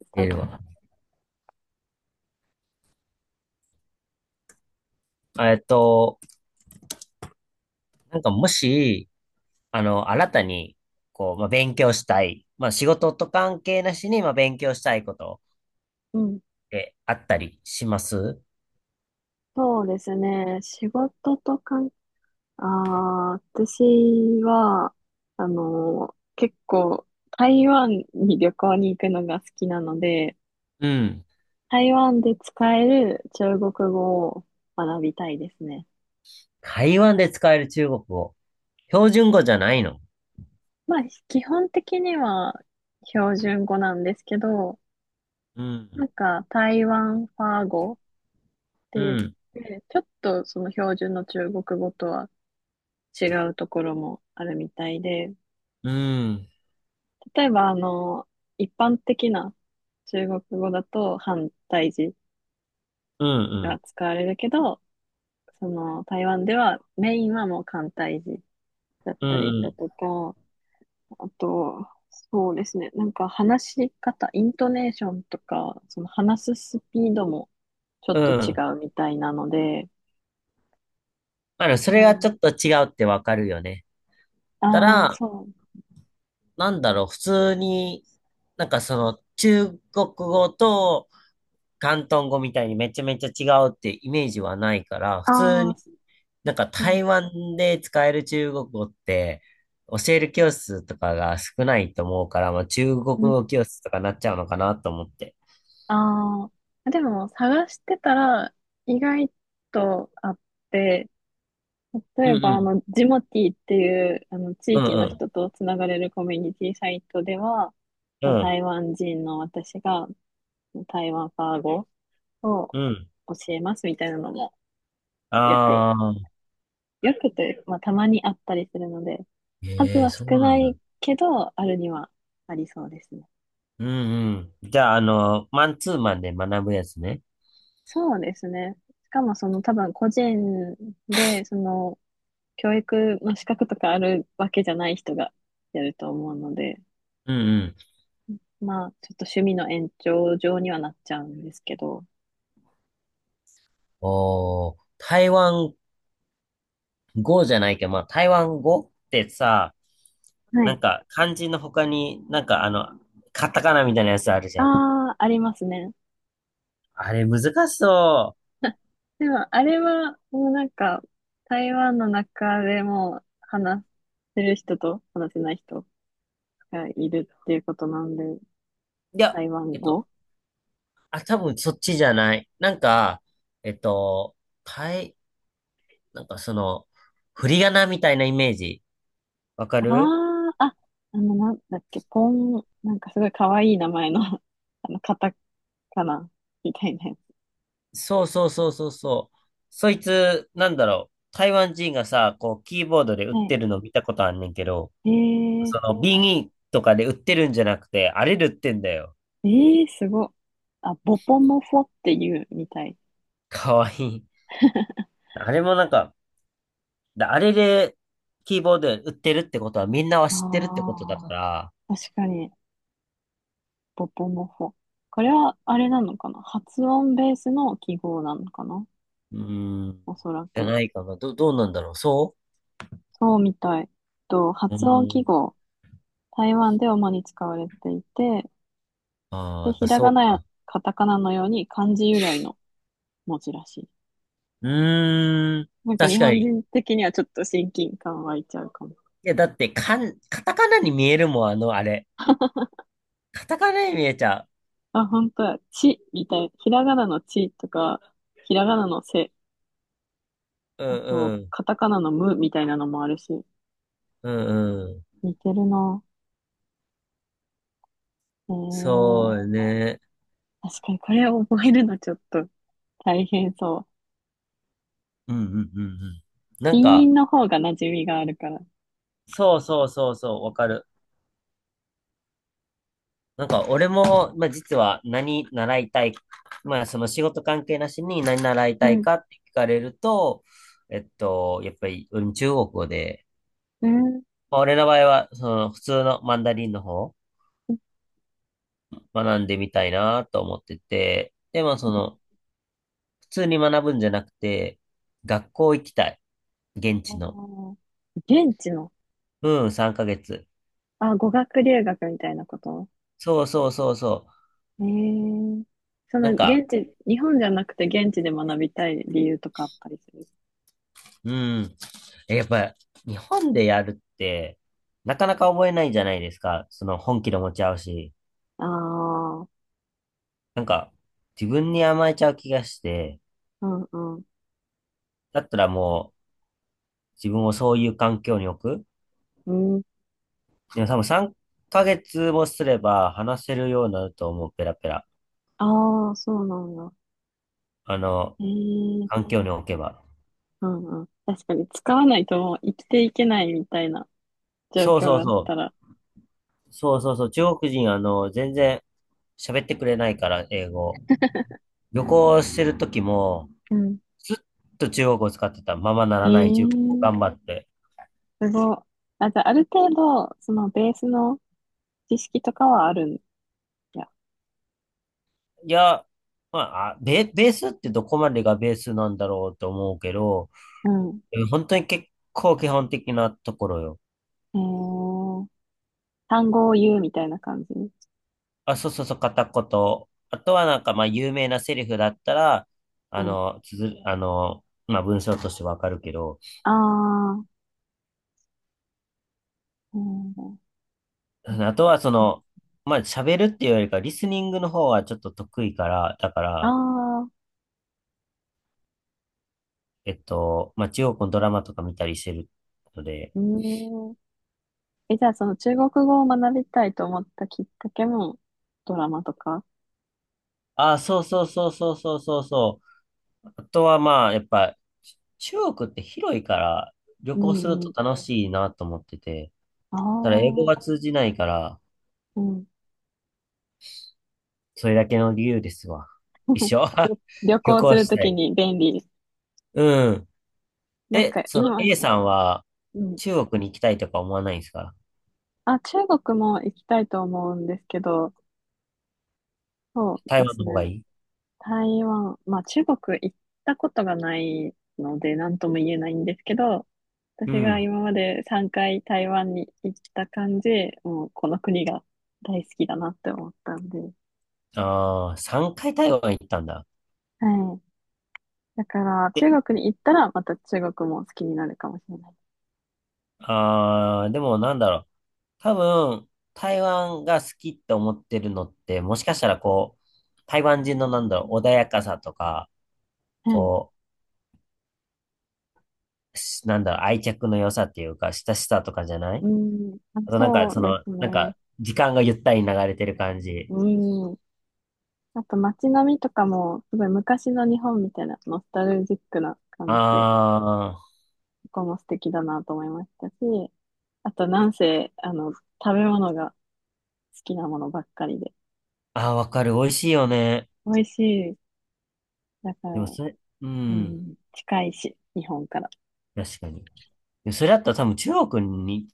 スタート。ええっと、もし、新たに、勉強したい。まあ、仕事と関係なしに、まあ、勉強したいことうん。ってあったりします？そうですね。仕事とかん、私は、結構、台湾に旅行に行くのが好きなので、うん、台湾で使える中国語を学びたいですね。台湾で使える中国語。標準語じゃないの？まあ、基本的には標準語なんですけど、うなん、んか台湾ファー語てう言っん、て、ちょっとその標準の中国語とは違うところもあるみたいで、うん、例えば一般的な中国語だと反対字うん、うがん、使われるけど、その台湾ではメインはもう簡体字だっうたりだん、とか、あと、そうですね、なんか話し方、イントネーションとか、その話すスピードもちょうっと違ん。うみたいなので、あの、そうれがちん。ょっと違うってわかるよね。たああ、ら、そう。なんだろう、普通に、その、中国語と、広東語みたいにめちゃめちゃ違うってイメージはないから、普あ通あ、になんかう台ん。湾で使える中国語って教える教室とかが少ないと思うから、まあ、中国う語教室とかなっちゃうのかなと思って。ああ、でも探してたら意外とあって、例うえんうばん。ジモティーっていうあの地うん域うのん。人とつながれるコミュニティサイトでは、うそのん台湾人の私が台湾ファー語をうん。教えますみたいなのもよく、ああ。よくというか、まあ、たまにあったりするので、数ええ、はそう少ななんだ。いけど、あるにはありそうですね。うんうん。じゃあ、あの、マンツーマンで学ぶやつね。そうですね。しかもその多分個人で、その教育の資格とかあるわけじゃない人がやると思うので、うんうん。まあ、ちょっと趣味の延長上にはなっちゃうんですけど。おー、台湾語じゃないけど、まあ、台湾語ってさ、はない。んか、漢字の他に、なんかあの、カタカナみたいなやつあるじゃん。ああ、ありますね。あれ難しそでも、あれは、もうなんか、台湾の中でも話せる人と話せない人がいるっていうことなんで、う。いや、台湾えっ語。と、あ、多分そっちじゃない。なんか、えっと、たい、なんかその、振り仮名みたいなイメージ。わかる？ああ、なんだっけ、ポン、なんかすごい可愛い名前の カタカナみたいなやつ。そうそうそうそうそう。そいつ、なんだろう。台湾人がさ、こう、キーボードで打っはい。てるの見たことあんねんけど、ええー、その、ビニとかで売ってるんじゃなくて、あれで売ってんだよ。ええー、すごい。あ、ボポモフォっていうみたい。かわいい。あれもなんか、であれで、キーボード売ってるってことはみんなはあ知ってるってことだから、あ、確かに、ボポモフォ。これは、あれなのかな、発音ベースの記号なのかな、うーん、おそらじゃく。ないかな。ど、どうなんだろう。そそうみたい。と、うう発音ー記ん。号。台湾で主に使われていて、ああ、で、やっひぱらそがうなやか。カタカナのように漢字由来の文字らしい。うーん、なんか確日か本に。い人的にはちょっと親近感湧いちゃうかも。や、だって、カタカナに見えるもん、あの、あれ。カタカナに見えちゃあ、本当や。ちみたい。ひらがなのちとか、ひらがなのせ、う。うあんと、うん。カタカナのムみたいなのもあるし、うんうん。似てるな。えそー、うね。確かにこれを覚えるのちょっと大変そう。うんうんうんうん。なピんンイか、ンの方が馴染みがあるから。そうそうそうそう、わかる。なんか俺も、まあ、実は何習いたい、まあその仕事関係なしに何習いうたいん、かって聞かれると、えっと、やっぱりうん中国語で、うん。まあ、俺の場合はその普通のマンダリンの方学んでみたいなと思ってて、でもその普通に学ぶんじゃなくて、学校行きたい。現あ地の。ー現地の、うん、3ヶ月。あ、語学留学みたいなこと。そうそうそうそう。えー、そのなんか、現地、日本じゃなくて現地で学びたい理由とかあったりする？うん。え、やっぱ、日本でやるって、なかなか覚えないじゃないですか。その本気で持ち合うし。ああー。なんか、自分に甘えちゃう気がして、うんうん。だったらもう、自分をそういう環境に置く。うん。でも多分3ヶ月もすれば話せるようになると思う、ペラペラ。ああ、そうなんだ。あの、ええ。環境に置けば。うんうん。確かに使わないともう生きていけないみたいな状そ況うそがうあっそたら。う。そうそうそう。中国人、あの、全然喋ってくれないから、英語。旅行してる時も、うん。ずっと中国語を使ってた。ままなえらない中国語をー、頑張って。すごい。あ、じゃあ、ある程度、そのベースの知識とかはあるんや。いや、まあ、ベースってどこまでがベースなんだろうと思うけど、うん。え本当に結構基本的なところよ。えー、単語を言うみたいな感じ。あ、そうそうそう、片言。あとはなんか、まあ、有名なセリフだったら、うあん。の、つづ、あの、まあ、文章としてわかるけど、ああ、うん。あとはその、まあ、喋るっていうよりか、リスニングの方はちょっと得意から、だかあら、あ、えっと、まあ、中国のドラマとか見たりしてるので、うん。え、じゃあ、その中国語を学びたいと思ったきっかけも、ドラマとか。あ、そうそうそうそうそうそうそう。あとはまあ、やっぱ、中国って広いから旅う行するんうとん。楽しいなと思ってて、あただ英語があ、通じないから、うん。それだけの理由ですわ。一緒 旅旅旅行す行るしとたきい。に便利。うん。なんえ、かその 今、A さんはうん。中国に行きたいとか思わないんですか？あ、中国も行きたいと思うんですけど、そう台で湾すの方がね。いい？台湾、まあ中国行ったことがないので何とも言えないんですけど、う私がん。今まで3回台湾に行った感じ、もうこの国が大好きだなって思ったんで。ああ、3回台湾行ったんだ。はい。だからえ、中国に行ったらまた中国も好きになるかもしれない。ああ、でもなんだろう。多分、台湾が好きって思ってるのって、もしかしたらこう、台湾人のなんだろう、穏やかさとか、はい。こなんだろう、愛着の良さっていうか、親しさとかじゃない？うん。あ、あとなんか、そそうでの、すね。なんか、時間がゆったり流れてる感じ。うん。あと街並みとかも、すごい昔の日本みたいな、ノスタルジックな感じで、あそこも素敵だなと思いましたし、あとなんせ、食べ物が好きなものばっかりで、ー、あー、わかる。美味しいよね。美味しい。だから、でもそれ、ううん、ん、近いし、日本から。確かに。でそれだったら多分中国に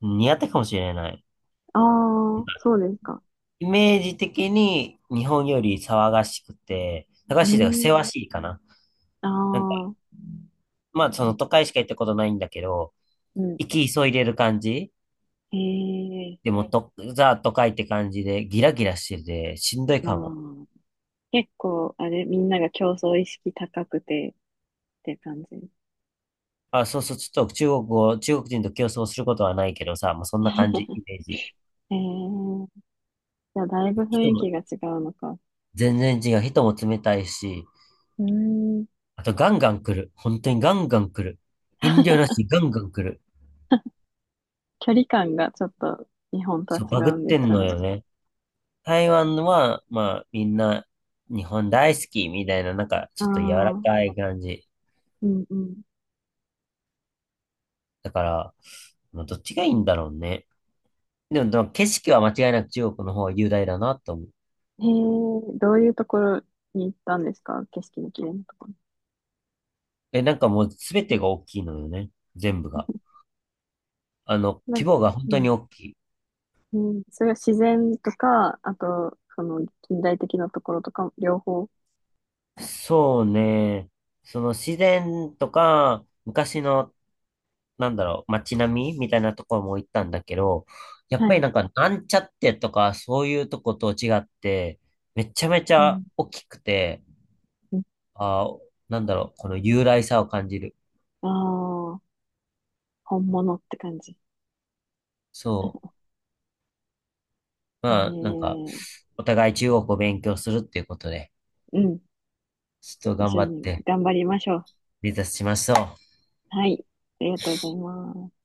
似合ったかもしれない。ああ、そうですか。イメージ的に日本より騒がしくて、騒うがしいというか、ん。せわしいかな。ああ、まあ、その都会しか行ったことないんだけど、うん。行き急いでる感じ。へえ。でもはい。と、ザ都会って感じで、ギラギラしてて、しんどいまかも。あ、結構、あれ、みんなが競争意識高くて、って感じ。あ、そうそう、ちょっと中国語、中国人と競争することはないけどさ、もうそんな感じ、イメージ。へえ。じゃあ、だいぶ雰人囲も気が違うのか。全然違う。人も冷たいし、うーん。あとガンガン来る。本当にガンガン来る。遠慮なし、ガンガン来る。距離感がちょっと日本とはそう、違バグっうんでてすんかのね。よね。台湾は、まあ、みんな、日本大好きみたいな、なんか、あちょっと柔らあ、かい感じ。うんうん。だから、まあどっちがいいんだろうね。でも、でも景色は間違いなく中国の方が雄大だなと思う。へえ、どういうところに行ったんですか、景色の綺麗なところ。え、なんかもう全てが大きいのよね。全部が。あの、な規模が本う当にん。大きい。うん、それは自然とか、あと、その近代的なところとか、両方。そうね。その自然とか、昔の、なんだろう、街並みみたいなところも行ったんだけど、やっはぱりい。なんか、なんちゃってとか、そういうとこと違って、めちゃめちうゃん。大きくて、うん。あー、なんだろう、この雄大さを感じる。ああー、本物って感じ。そう。えまあ、なんか、ー、お互い中国を勉強するっていうことで、うん。ちょっと一頑緒張っにて頑張りましょう。目指しましょう。はい。ありがとうございます。